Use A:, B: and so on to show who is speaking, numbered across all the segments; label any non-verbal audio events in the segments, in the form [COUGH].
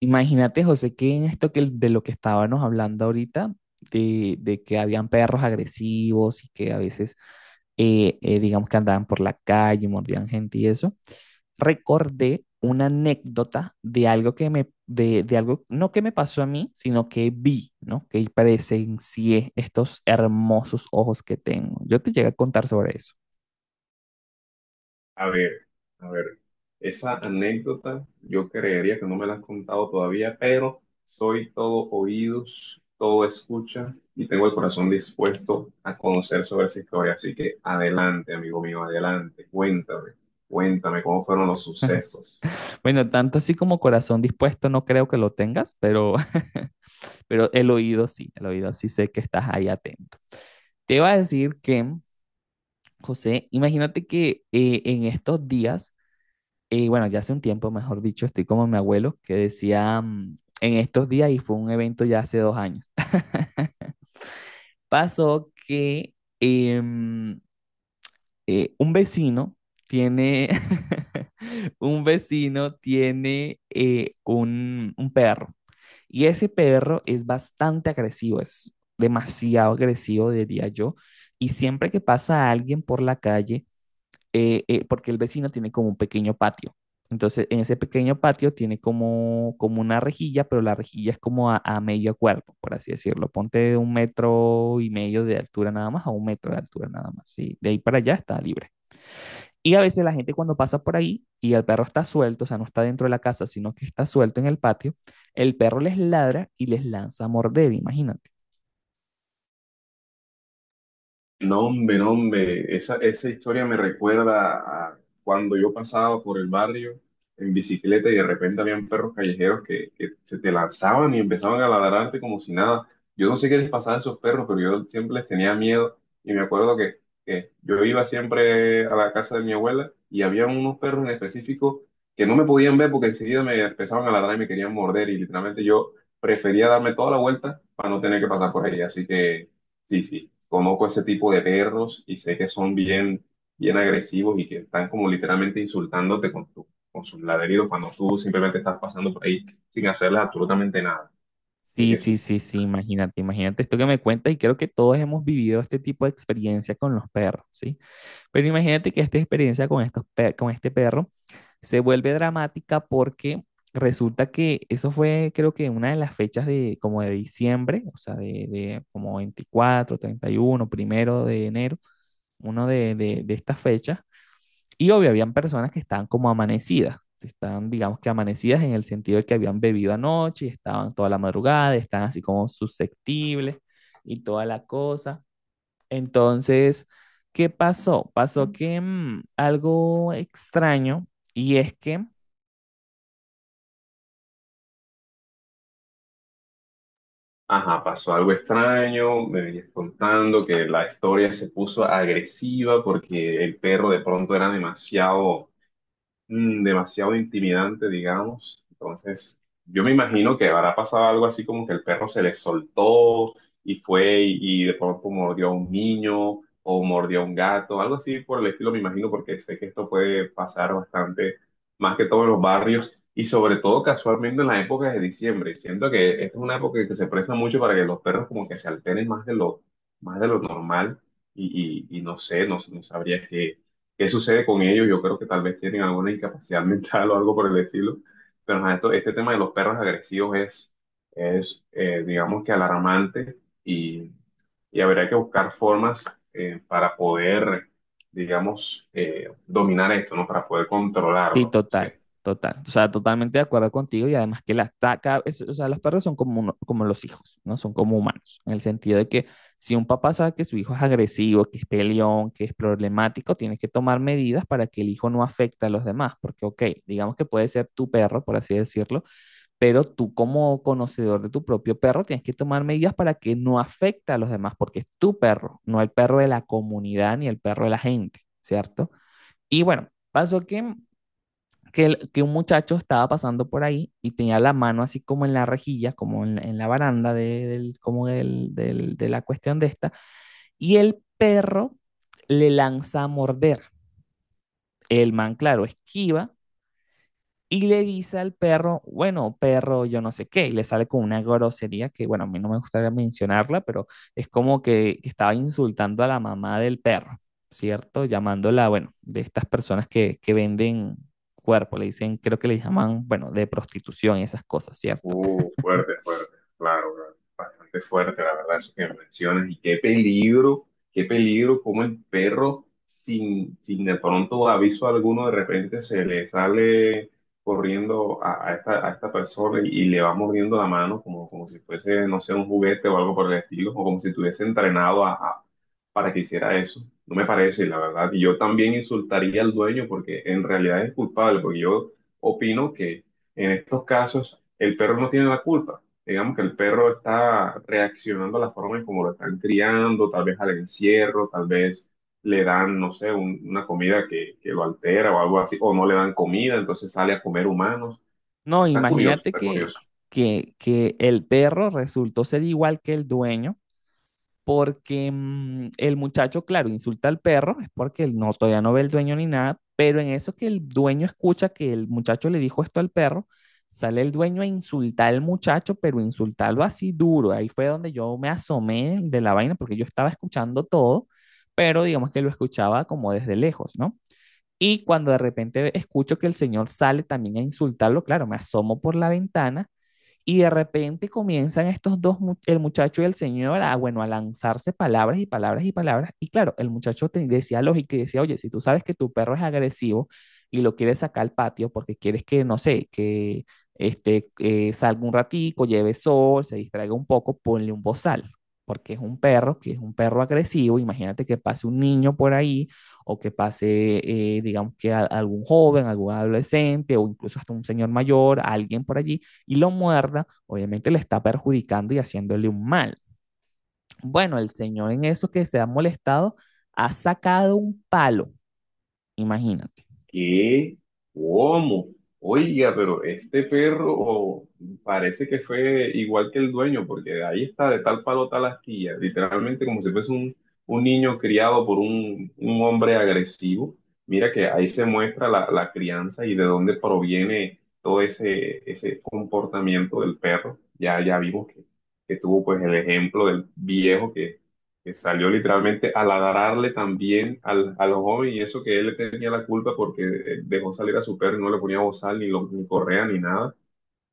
A: Imagínate, José, que en esto que de lo que estábamos hablando ahorita, de que habían perros agresivos y que a veces, digamos que andaban por la calle, mordían gente y eso, recordé una anécdota de algo que me, de algo, no que me pasó a mí, sino que vi, ¿no? Que presencié estos hermosos ojos que tengo. Yo te llegué a contar sobre eso.
B: A ver, a ver, esa anécdota yo creería que no me la has contado todavía, pero soy todo oídos, todo escucha y tengo el corazón dispuesto a conocer sobre esa historia. Así que adelante, amigo mío, adelante, cuéntame, cuéntame cómo fueron los sucesos.
A: Bueno, tanto así como corazón dispuesto no creo que lo tengas, pero, [LAUGHS] pero el oído sí sé que estás ahí atento. Te iba a decir que, José, imagínate que en estos días, bueno, ya hace un tiempo, mejor dicho, estoy como mi abuelo que decía en estos días, y fue un evento ya hace 2 años. [LAUGHS] Pasó que em, un vecino tiene, [LAUGHS] un vecino tiene un perro, y ese perro es bastante agresivo, es demasiado agresivo, diría yo, y siempre que pasa alguien por la calle, porque el vecino tiene como un pequeño patio. Entonces, en ese pequeño patio tiene como una rejilla, pero la rejilla es como a medio cuerpo, por así decirlo. Ponte de un metro y medio de altura nada más a un metro de altura nada más. Y de ahí para allá está libre. Y a veces la gente cuando pasa por ahí y el perro está suelto, o sea, no está dentro de la casa, sino que está suelto en el patio, el perro les ladra y les lanza a morder, imagínate.
B: No, hombre, no, hombre, esa historia me recuerda a cuando yo pasaba por el barrio en bicicleta y de repente habían perros callejeros que se te lanzaban y empezaban a ladrarte como si nada. Yo no sé qué les pasaba a esos perros, pero yo siempre les tenía miedo y me acuerdo que yo iba siempre a la casa de mi abuela y había unos perros en específico que no me podían ver porque enseguida me empezaban a ladrar y me querían morder y literalmente yo prefería darme toda la vuelta para no tener que pasar por ahí. Así que sí, sí. Conozco ese tipo de perros y sé que son bien, bien agresivos y que están como literalmente insultándote con tu, con sus ladridos cuando tú simplemente estás pasando por ahí sin hacerles absolutamente nada. Así
A: Sí,
B: que
A: sí,
B: sí.
A: sí, sí, imagínate, imagínate esto que me cuentas, y creo que todos hemos vivido este tipo de experiencia con los perros, ¿sí? Pero imagínate que esta experiencia con, con este perro se vuelve dramática, porque resulta que eso fue, creo que, una de las fechas de como de diciembre, o sea, de como 24, 31, 1 de enero. Uno de, de estas fechas, y obvio, habían personas que estaban como amanecidas, estaban, digamos que amanecidas en el sentido de que habían bebido anoche, y estaban toda la madrugada, estaban así como susceptibles y toda la cosa. Entonces, ¿qué pasó? Pasó que algo extraño, y es que
B: Ajá, pasó algo extraño, me venías contando que la historia se puso agresiva porque el perro de pronto era demasiado demasiado intimidante, digamos. Entonces, yo me imagino que habrá pasado algo así como que el perro se le soltó y fue y de pronto mordió a un niño o mordió a un gato, algo así por el estilo, me imagino, porque sé que esto puede pasar bastante, más que todo en los barrios y sobre todo casualmente en las épocas de diciembre. Siento que esta es una época que se presta mucho para que los perros como que se alteren más de lo normal y, y no sé, no sabría qué qué sucede con ellos. Yo creo que tal vez tienen alguna incapacidad [LAUGHS] mental o algo por el estilo. Pero ajá, este tema de los perros agresivos es, es digamos que alarmante y, y habría que buscar formas para poder, digamos, dominar esto, ¿no? Para poder
A: sí,
B: controlarlo. O
A: total, total. O sea, totalmente de acuerdo contigo, y además que las, ta- cada- es- o sea, los perros son como los hijos, ¿no? Son como humanos, en el sentido de que si un papá sabe que su hijo es agresivo, que es peleón, que es problemático, tienes que tomar medidas para que el hijo no afecte a los demás, porque, ok, digamos que puede ser tu perro, por así decirlo, pero tú como conocedor de tu propio perro tienes que tomar medidas para que no afecte a los demás, porque es tu perro, no el perro de la comunidad ni el perro de la gente, ¿cierto? Y bueno, pasó que que un muchacho estaba pasando por ahí y tenía la mano así como en la rejilla, como en, en la baranda como de la cuestión de esta, y el perro le lanza a morder. El man, claro, esquiva y le dice al perro, bueno, perro, yo no sé qué, y le sale con una grosería que, bueno, a mí no me gustaría mencionarla, pero es que estaba insultando a la mamá del perro, ¿cierto? Llamándola, bueno, de estas personas que venden cuerpo, le dicen, creo que le llaman, bueno, de prostitución y esas cosas, ¿cierto?
B: uh, fuerte, fuerte, claro, claro, bastante fuerte, la verdad, eso que mencionas. Y qué peligro, como el perro, sin de pronto aviso alguno, de repente se le sale corriendo a esta persona y le va mordiendo la mano, como, como si fuese, no sé, un juguete o algo por el estilo, o como si estuviese entrenado para que hiciera eso. No me parece, la verdad. Y yo también insultaría al dueño porque en realidad es culpable, porque yo opino que. En estos casos el perro no tiene la culpa. Digamos que el perro está reaccionando a la forma en cómo lo están criando, tal vez al encierro, tal vez le dan, no sé, una comida que lo altera o algo así, o no le dan comida, entonces sale a comer humanos.
A: No,
B: Está curioso,
A: imagínate
B: está curioso.
A: que el perro resultó ser igual que el dueño, porque el muchacho, claro, insulta al perro, es porque él no, todavía no ve el dueño ni nada, pero en eso que el dueño escucha que el muchacho le dijo esto al perro, sale el dueño a insultar al muchacho, pero insultarlo así duro. Ahí fue donde yo me asomé de la vaina, porque yo estaba escuchando todo, pero digamos que lo escuchaba como desde lejos, ¿no? Y cuando de repente escucho que el señor sale también a insultarlo, claro, me asomo por la ventana, y de repente comienzan estos dos, el muchacho y el señor, a, bueno, a lanzarse palabras y palabras y palabras. Y claro, el muchacho te decía lógica y decía, oye, si tú sabes que tu perro es agresivo y lo quieres sacar al patio porque quieres que, no sé, que este, salga un ratico, lleve sol, se distraiga un poco, ponle un bozal, porque es un perro, que es un perro agresivo. Imagínate que pase un niño por ahí o que pase, digamos que algún joven, algún adolescente, o incluso hasta un señor mayor, alguien por allí, y lo muerda, obviamente le está perjudicando y haciéndole un mal. Bueno, el señor en eso que se ha molestado ha sacado un palo, imagínate.
B: ¿Qué? ¿Cómo? Oiga, pero este perro oh, parece que fue igual que el dueño, porque ahí está de tal palo tal astilla, literalmente como si fuese un niño criado por un hombre agresivo. Mira que ahí se muestra la, la crianza y de dónde proviene todo ese, ese comportamiento del perro. Ya, ya vimos que tuvo pues el ejemplo del viejo que salió literalmente a ladrarle también al, al joven y eso que él le tenía la culpa porque dejó salir a su perro y no le ponía bozal ni, lo, ni correa ni nada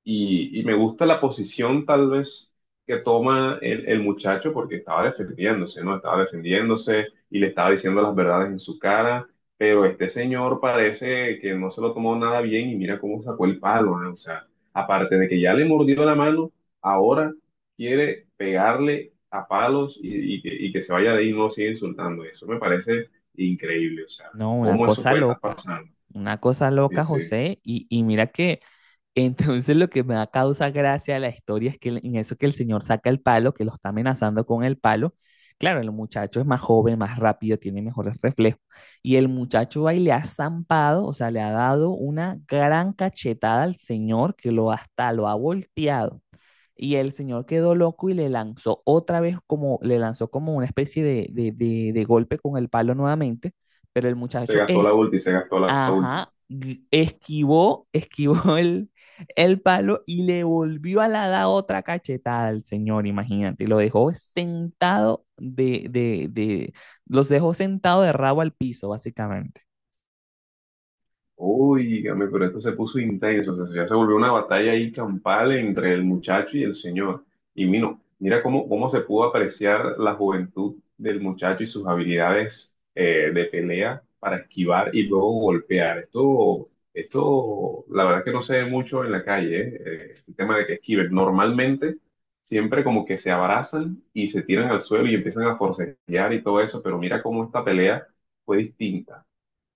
B: y, y me gusta la posición tal vez que toma el muchacho porque estaba defendiéndose, ¿no? Estaba defendiéndose y le estaba diciendo las verdades en su cara, pero este señor parece que no se lo tomó nada bien y mira cómo sacó el palo, ¿no? O sea, aparte de que ya le mordió la mano, ahora quiere pegarle a palos y que se vaya de ahí y no siga insultando. Eso me parece increíble, o sea,
A: No,
B: cómo eso puede estar pasando.
A: una cosa
B: Sí,
A: loca,
B: sí,
A: José, y mira que entonces lo que me da causa gracia de la historia es que en eso que el señor saca el palo, que lo está amenazando con el palo, claro, el muchacho es más joven, más rápido, tiene mejores reflejos. Y el muchacho va y le ha zampado, o sea, le ha dado una gran cachetada al señor, que lo hasta lo ha volteado. Y el señor quedó loco y le lanzó otra vez como, le lanzó como una especie de golpe con el palo nuevamente, pero el
B: se
A: muchacho
B: gastó
A: es,
B: la ulti, se gastó la ulti.
A: ajá, esquivó, esquivó [LAUGHS] el palo, y le volvió a la da otra cachetada al señor, imagínate, y lo dejó sentado los dejó sentado de rabo al piso, básicamente.
B: Uy, dígame, pero esto se puso intenso, o sea, ya se volvió una batalla ahí campal entre el muchacho y el señor. Y mira, mira cómo, cómo se pudo apreciar la juventud del muchacho y sus habilidades de pelea para esquivar y luego golpear. Esto, la verdad que no se ve mucho en la calle, el tema de que esquiven. Normalmente siempre como que se abrazan y se tiran al suelo y empiezan a forcejear y todo eso, pero mira cómo esta pelea fue distinta.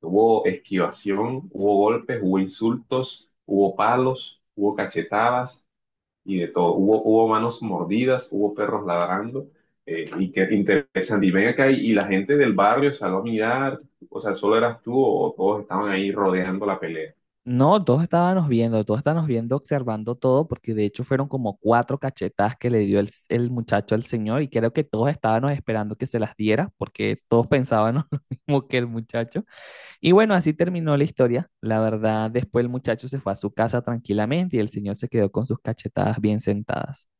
B: Hubo esquivación, hubo golpes, hubo insultos, hubo palos, hubo cachetadas y de todo. Hubo, hubo manos mordidas, hubo perros ladrando. Y qué interesante. Y ven acá y la gente del barrio salió a mirar. O sea, solo eras tú o todos estaban ahí rodeando la pelea.
A: No, todos estábamos viendo, observando todo, porque de hecho fueron como cuatro cachetadas que le dio el, el muchacho al señor, y creo que todos estábamos esperando que se las diera, porque todos pensábamos [LAUGHS] lo mismo que el muchacho. Y bueno, así terminó la historia. La verdad, después el muchacho se fue a su casa tranquilamente, y el señor se quedó con sus cachetadas bien sentadas.